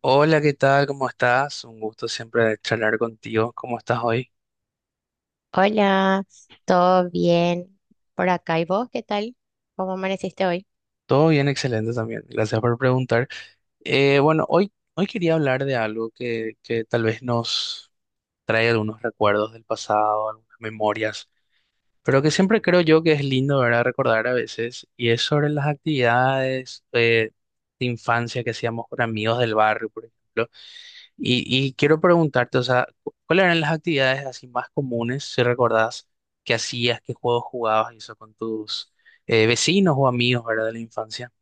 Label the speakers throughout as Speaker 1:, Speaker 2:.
Speaker 1: Hola, ¿qué tal? ¿Cómo estás? Un gusto siempre charlar contigo. ¿Cómo estás hoy?
Speaker 2: Hola, ¿todo bien por acá? ¿Y vos qué tal? ¿Cómo amaneciste hoy?
Speaker 1: Todo bien, excelente también. Gracias por preguntar. Bueno, hoy, hoy quería hablar de algo que tal vez nos trae algunos recuerdos del pasado, algunas memorias, pero que siempre creo yo que es lindo, ¿verdad? Recordar a veces, y es sobre las actividades de infancia que hacíamos con amigos del barrio, por ejemplo. Y quiero preguntarte, o sea, ¿cuáles eran las actividades así más comunes, si recordás, que hacías, qué juegos jugabas y eso con tus vecinos o amigos, ¿verdad? De la infancia.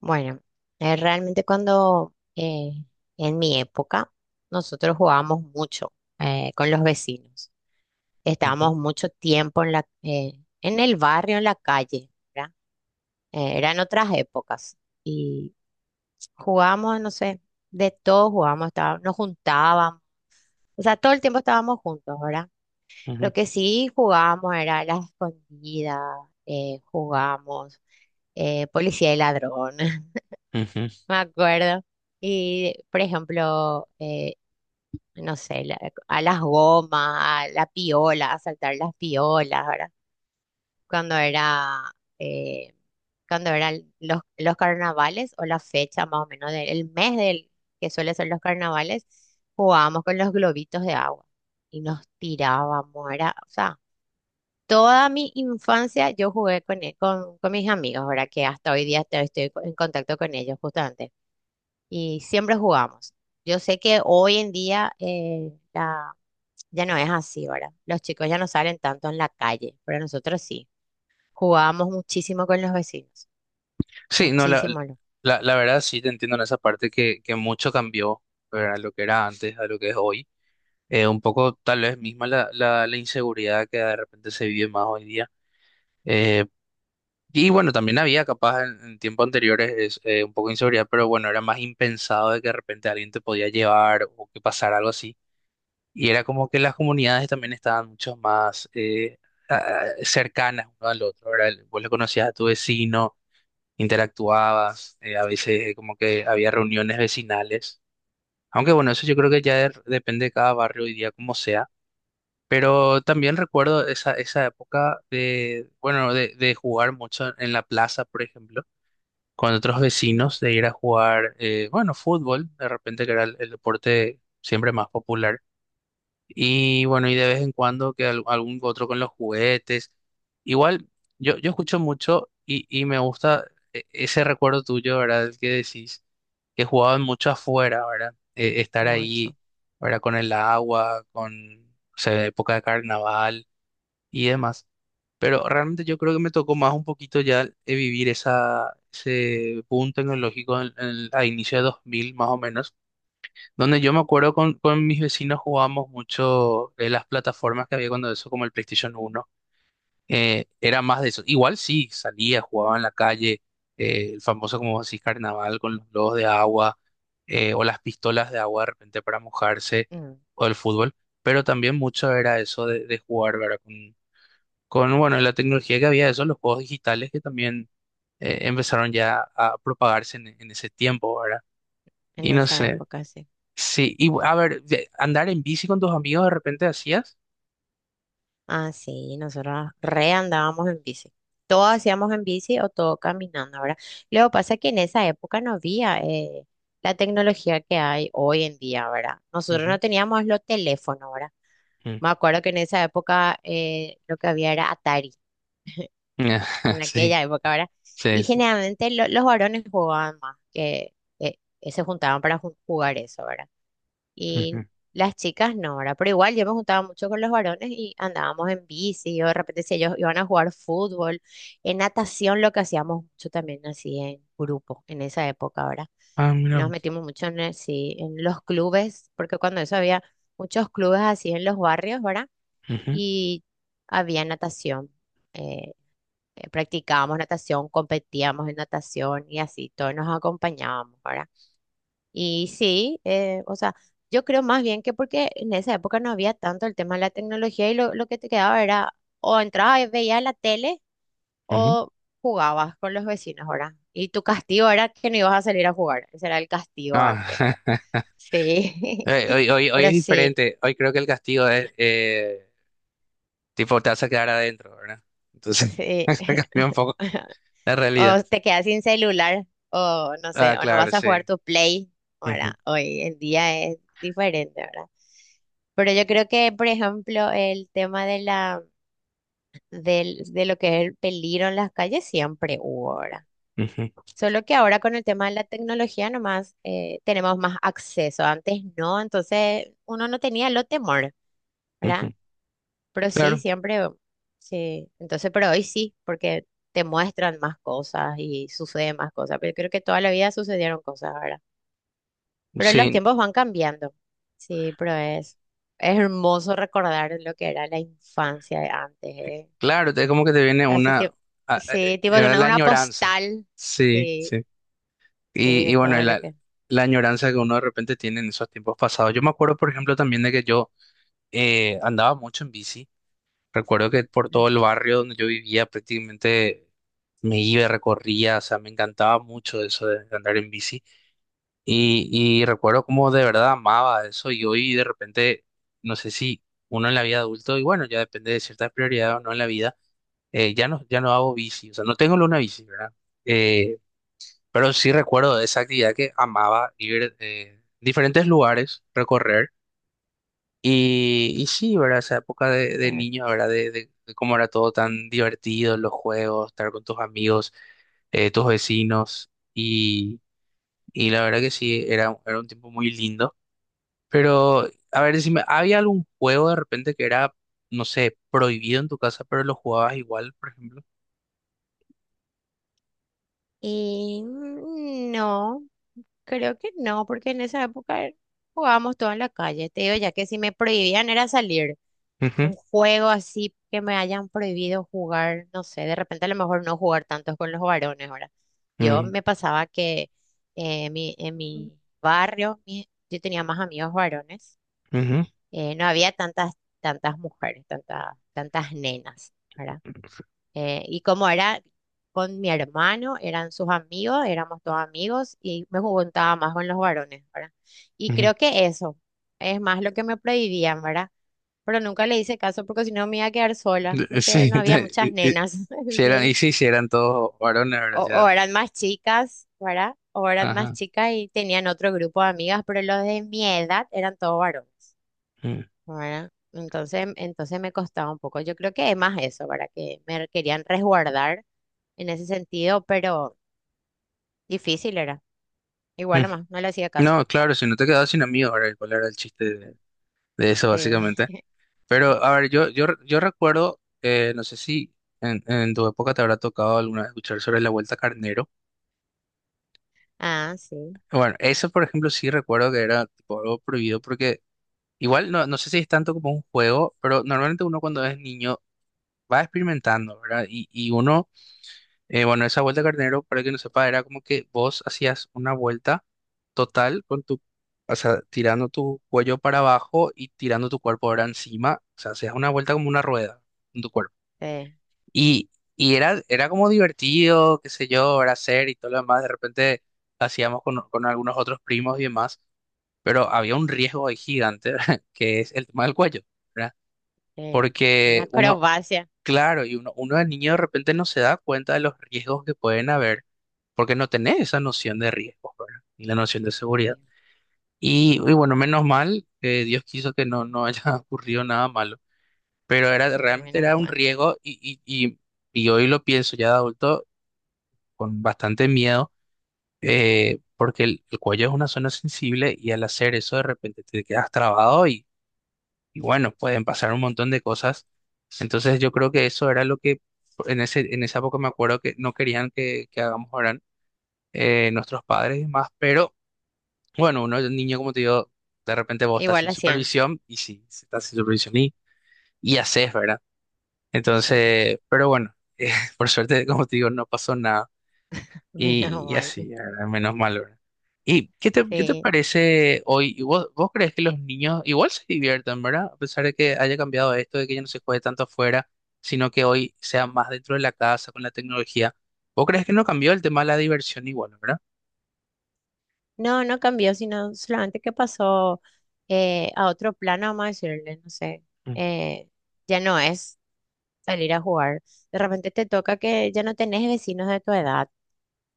Speaker 2: Bueno, realmente cuando en mi época nosotros jugábamos mucho con los vecinos.
Speaker 1: Ujú,
Speaker 2: Estábamos mucho tiempo en en el barrio, en la calle, ¿verdad? Eran otras épocas y jugábamos, no sé, de todo jugábamos, nos juntábamos. O sea, todo el tiempo estábamos juntos, ¿verdad?
Speaker 1: ujú,
Speaker 2: Lo que sí jugábamos era la escondida, jugábamos policía y ladrón,
Speaker 1: ujú.
Speaker 2: me acuerdo. Y, por ejemplo, no sé, a las gomas, a la piola, a saltar las piolas, ¿verdad? Cuando era, eh, cuando eran los carnavales o la fecha más o menos del mes del que suele ser los carnavales, jugábamos con los globitos de agua y nos tirábamos, era, o sea. Toda mi infancia yo jugué con mis amigos, ahora que hasta hoy día en contacto con ellos justamente. Y siempre jugamos. Yo sé que hoy en día ya no es así, ¿verdad? Los chicos ya no salen tanto en la calle, pero nosotros sí. Jugábamos muchísimo con los vecinos.
Speaker 1: Sí, no, la,
Speaker 2: Muchísimo, lo-
Speaker 1: la, la verdad sí te entiendo en esa parte que mucho cambió, ¿verdad? Lo que era antes a lo que es hoy. Un poco tal vez misma la, la, la inseguridad que de repente se vive más hoy día. Eh, Y bueno, también había capaz en tiempos anteriores es, un poco de inseguridad, pero bueno, era más impensado de que de repente alguien te podía llevar o que pasara algo así. Y era como que las comunidades también estaban mucho más cercanas uno al otro, ¿verdad? Vos le conocías a tu vecino, interactuabas, a veces como que había reuniones vecinales. Aunque bueno, eso yo creo que ya depende de cada barrio hoy día como sea. Pero también recuerdo esa, esa época de, bueno, de jugar mucho en la plaza, por ejemplo con otros
Speaker 2: ujú,
Speaker 1: vecinos de ir a jugar, bueno, fútbol, de repente que era el deporte siempre más popular. Y bueno, y de vez en cuando que algún otro con los juguetes. Igual, yo escucho mucho y me gusta ese recuerdo tuyo, ¿verdad? El que decís, que jugaban mucho afuera, ¿verdad? Estar ahí,
Speaker 2: mucho.
Speaker 1: ¿verdad? Con el agua, con, o sea, época de carnaval y demás. Pero realmente yo creo que me tocó más un poquito ya vivir esa, ese boom tecnológico a inicio de 2000 más o menos, donde yo me acuerdo con mis vecinos jugábamos mucho las plataformas que había cuando eso, como el PlayStation uno era más de eso. Igual sí, salía, jugaba en la calle, el famoso, como decís, carnaval con los globos de agua o las pistolas de agua de repente para mojarse
Speaker 2: Mm,
Speaker 1: o el fútbol, pero también mucho era eso de jugar, ¿verdad? Con bueno, la tecnología que había de eso, los juegos digitales que también empezaron ya a propagarse en ese tiempo, ¿verdad?
Speaker 2: en
Speaker 1: Y no
Speaker 2: esa
Speaker 1: sé,
Speaker 2: época, sí.
Speaker 1: sí, y a ver, andar en bici con tus amigos de repente hacías.
Speaker 2: Ah, sí, nosotros re andábamos en bici. Todo hacíamos en bici o todo caminando, ¿verdad? Luego pasa que en esa época no había la tecnología que hay hoy en día, ¿verdad? Nosotros no
Speaker 1: Ujú,
Speaker 2: teníamos los teléfonos, ¿verdad?
Speaker 1: ujú.
Speaker 2: Me acuerdo que en esa época lo que había era Atari, en
Speaker 1: Sí,
Speaker 2: aquella época, ¿verdad? Y
Speaker 1: sí, sí.
Speaker 2: generalmente los varones jugaban más, que se juntaban para jugar eso, ¿verdad?
Speaker 1: Ujú.
Speaker 2: Y las chicas no, ¿verdad? Pero igual yo me juntaba mucho con los varones y andábamos en bici, o de repente si ellos iban a jugar fútbol, en natación lo que hacíamos mucho también así en grupo, en esa época, ¿verdad?
Speaker 1: Ah,
Speaker 2: Nos
Speaker 1: mira.
Speaker 2: metimos mucho en, sí, en los clubes, porque cuando eso había muchos clubes así en los barrios, ¿verdad?
Speaker 1: Ujú,
Speaker 2: Y había natación, eh, practicábamos natación, competíamos en natación y así, todos nos acompañábamos, ¿verdad? Y sí, o sea, yo creo más bien que porque en esa época no había tanto el tema de la tecnología y lo que te quedaba era o entrabas y veías la tele
Speaker 1: ujú.
Speaker 2: o jugabas con los vecinos, ¿verdad? Y tu castigo era que no ibas a salir a jugar, ese era el castigo antes,
Speaker 1: Ah,
Speaker 2: ¿verdad? Sí,
Speaker 1: hoy, hoy, hoy es
Speaker 2: pero sí,
Speaker 1: diferente, hoy creo que el castigo es, tipo, te vas a quedar adentro, ¿verdad? Entonces,
Speaker 2: sí.
Speaker 1: se cambió un poco la realidad.
Speaker 2: O te quedas sin celular, o no sé,
Speaker 1: Ah,
Speaker 2: o no
Speaker 1: claro,
Speaker 2: vas a jugar
Speaker 1: sí.
Speaker 2: tu Play, ¿verdad?
Speaker 1: Ujú,
Speaker 2: Hoy el día es diferente, ¿verdad? Pero yo creo que, por ejemplo, el tema de del, de lo que es el peligro en las calles siempre hubo, ¿verdad?
Speaker 1: ujú,
Speaker 2: Solo que ahora con el tema de la tecnología nomás tenemos más acceso. Antes no, entonces uno no tenía lo temor, ¿verdad?
Speaker 1: ujú.
Speaker 2: Pero sí,
Speaker 1: Claro,
Speaker 2: siempre, sí. Entonces, pero hoy sí, porque te muestran más cosas y suceden más cosas. Pero creo que toda la vida sucedieron cosas ahora. Pero los
Speaker 1: sí.
Speaker 2: tiempos van cambiando. Sí, pero es hermoso recordar lo que era la infancia de antes, ¿eh?
Speaker 1: Claro, es como que te viene
Speaker 2: Así
Speaker 1: una,
Speaker 2: tipo,
Speaker 1: a-
Speaker 2: sí, tipo de
Speaker 1: la
Speaker 2: una
Speaker 1: añoranza.
Speaker 2: postal.
Speaker 1: Sí, sí.
Speaker 2: Sí, sí,
Speaker 1: Y
Speaker 2: de
Speaker 1: bueno, y
Speaker 2: todo lo
Speaker 1: la,
Speaker 2: que...
Speaker 1: la añoranza que uno de repente tiene en esos tiempos pasados. Yo me acuerdo, por ejemplo, también de que yo andaba mucho en bici. Recuerdo que por todo
Speaker 2: ¿no?
Speaker 1: el barrio donde yo vivía prácticamente me iba, recorría, o sea, me encantaba mucho eso de andar en bici. Y, y recuerdo como de verdad amaba eso y hoy de repente, no sé si uno en la vida adulto, y bueno, ya depende de ciertas prioridades o no en la vida ya no, ya no hago bici, o sea, no tengo una bici, ¿verdad? Eh, pero sí recuerdo de esa actividad que amaba ir diferentes lugares, recorrer. Y sí, ¿verdad? Esa época de
Speaker 2: Cierto.
Speaker 1: niño, ¿verdad? De, de cómo era todo tan divertido, los juegos, estar con tus amigos, tus vecinos. Y la verdad que sí, era, era un tiempo muy lindo. Pero, a ver, decime, ¿había algún juego de repente que era, no sé, prohibido en tu casa, pero lo jugabas igual, por ejemplo?
Speaker 2: Y mm, no, creo que no, porque en esa época jugábamos todo en la calle. Te digo, ya que si me prohibían era salir.
Speaker 1: Ujú.
Speaker 2: Un juego así que me hayan prohibido jugar, no sé, de repente a lo mejor no jugar tanto con los varones ahora. Yo me pasaba que en
Speaker 1: Mm.
Speaker 2: mi barrio yo tenía más amigos varones,
Speaker 1: Ujú,
Speaker 2: no había tantas mujeres, tantas nenas, ¿verdad? Y como era con mi hermano, eran sus amigos, éramos todos amigos y me juntaba más con los varones, ¿verdad? Y
Speaker 1: ujú.
Speaker 2: creo que eso es más lo que me prohibían, ¿verdad? Pero nunca le hice caso porque si no me iba a quedar sola, porque
Speaker 1: Sí,
Speaker 2: no había muchas nenas,
Speaker 1: si eran,
Speaker 2: sí.
Speaker 1: y sí, si eran todos varones, ¿verdad?
Speaker 2: O eran más chicas, ¿verdad? O
Speaker 1: Ya,
Speaker 2: eran más
Speaker 1: ajá.
Speaker 2: chicas y tenían otro grupo de amigas, pero los de mi edad eran todos varones,
Speaker 1: Mm,
Speaker 2: ¿verdad? Entonces, entonces me costaba un poco. Yo creo que es más eso, ¿verdad? Que me querían resguardar en ese sentido, pero difícil era.
Speaker 1: mm.
Speaker 2: Igual nomás, no le hacía caso.
Speaker 1: No, claro, si no te quedabas sin amigos, ¿verdad? ¿Cuál era el chiste de eso,
Speaker 2: Sí.
Speaker 1: básicamente? Pero, a ver, yo,
Speaker 2: Sí.
Speaker 1: yo, yo recuerdo, no sé si en, en tu época te habrá tocado alguna vez escuchar sobre la Vuelta a Carnero.
Speaker 2: Ah, sí,
Speaker 1: Bueno, eso, por ejemplo, sí recuerdo que era tipo, algo prohibido porque igual no, no sé si es tanto como un juego, pero normalmente uno cuando es niño va experimentando, ¿verdad? Y uno bueno, esa vuelta carnero, para que no sepa, era como que vos hacías una vuelta total con tu, o sea, tirando tu cuello para abajo y tirando tu cuerpo ahora encima, o sea, hacías una vuelta como una rueda con tu cuerpo.
Speaker 2: sí,
Speaker 1: Y, y era, era como divertido, qué sé yo, era hacer y todo lo demás, de repente hacíamos con algunos otros primos y demás, pero había un riesgo ahí gigante, que es el tema del cuello, ¿verdad?
Speaker 2: sí. Una
Speaker 1: Porque uno,
Speaker 2: acrobacia.
Speaker 1: claro, y uno, uno de niño de repente no se da cuenta de los riesgos que pueden haber, porque no tenés esa noción de riesgos, ¿verdad? Y la noción de seguridad.
Speaker 2: Sí.
Speaker 1: Y bueno, menos mal, Dios quiso que no, no haya ocurrido nada malo, pero era, realmente
Speaker 2: Menos
Speaker 1: era un
Speaker 2: mal.
Speaker 1: riesgo y hoy lo pienso ya de adulto con bastante miedo, porque el cuello es una zona sensible y al hacer eso de repente te quedas trabado y bueno, pueden pasar un montón de cosas. Entonces yo creo que eso era lo que en ese, en esa época me acuerdo que no querían que hagamos ahora nuestros padres y más, pero bueno, uno de niño como te digo, de repente vos estás
Speaker 2: Igual
Speaker 1: sin
Speaker 2: hacían.
Speaker 1: supervisión y si sí si estás sin supervisión y haces, ¿verdad?
Speaker 2: O sea,
Speaker 1: Entonces, pero bueno, por suerte, como te digo, no pasó nada.
Speaker 2: menos
Speaker 1: Y
Speaker 2: mal.
Speaker 1: así, ¿verdad? Menos mal, ¿verdad? ¿Y qué te
Speaker 2: Sí.
Speaker 1: parece hoy? ¿Y vos, vos crees que los niños igual se divierten, ¿verdad? A pesar de que haya cambiado esto, de que ya no se juegue tanto afuera, sino que hoy sea más dentro de la casa con la tecnología. ¿Vos crees que no cambió el tema de la diversión igual, ¿verdad?
Speaker 2: No, no cambió, sino solamente que pasó a otro plano, vamos a decirle, no sé.
Speaker 1: Mm,
Speaker 2: Eh, ya no es salir a jugar. De repente te toca que ya no tenés vecinos de tu edad,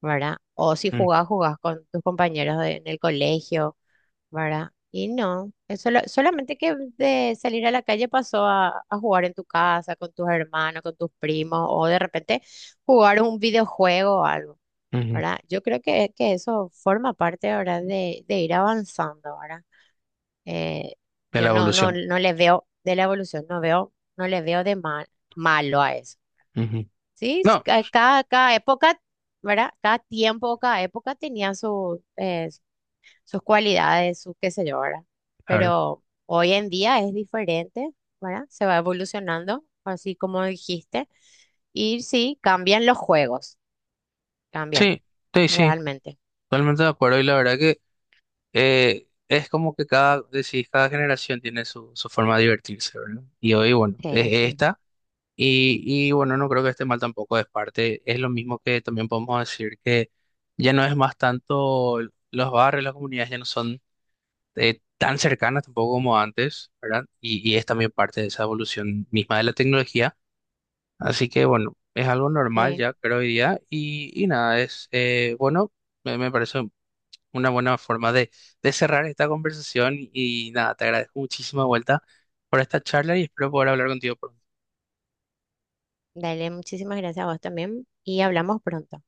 Speaker 2: ¿verdad? O si
Speaker 1: mm,
Speaker 2: jugás, jugás con tus compañeros en el colegio ¿verdad? Y no, es solamente que de salir a la calle pasó a jugar en tu casa, con tus hermanos, con tus primos, o de repente jugar un videojuego o algo,
Speaker 1: ujú.
Speaker 2: ¿verdad? Yo creo que eso forma parte ahora de ir avanzando, ¿verdad? Eh,
Speaker 1: De
Speaker 2: yo
Speaker 1: la evolución.
Speaker 2: no le veo de la evolución, no veo, no le veo de mal, malo a eso.
Speaker 1: Ujú.
Speaker 2: Sí, es
Speaker 1: No,
Speaker 2: cada, cada época, ¿verdad? Cada tiempo, cada época tenía sus sus cualidades, su qué sé yo, ¿verdad?
Speaker 1: claro.
Speaker 2: Pero hoy en día es diferente, ¿verdad? Se va evolucionando, así como dijiste, y sí, cambian los juegos, cambian,
Speaker 1: Sí, sí, sí,
Speaker 2: realmente.
Speaker 1: totalmente de acuerdo. Y la verdad que es como que cada, decís, cada generación tiene su, su forma de divertirse, ¿verdad? Y hoy, bueno,
Speaker 2: Sí,
Speaker 1: es
Speaker 2: así mismo.
Speaker 1: esta. Y bueno, no creo que esté mal tampoco de parte. Es lo mismo que también podemos decir que ya no es más tanto los barrios, las comunidades ya no son tan cercanas tampoco como antes, ¿verdad? Y es también parte de esa evolución misma de la tecnología. Así que bueno, es algo normal
Speaker 2: Sí,
Speaker 1: ya, creo hoy día. Y nada, es bueno, me parece una buena forma de cerrar esta conversación. Y nada, te agradezco muchísima vuelta por esta charla y espero poder hablar contigo pronto.
Speaker 2: dale, muchísimas gracias a vos también y hablamos pronto.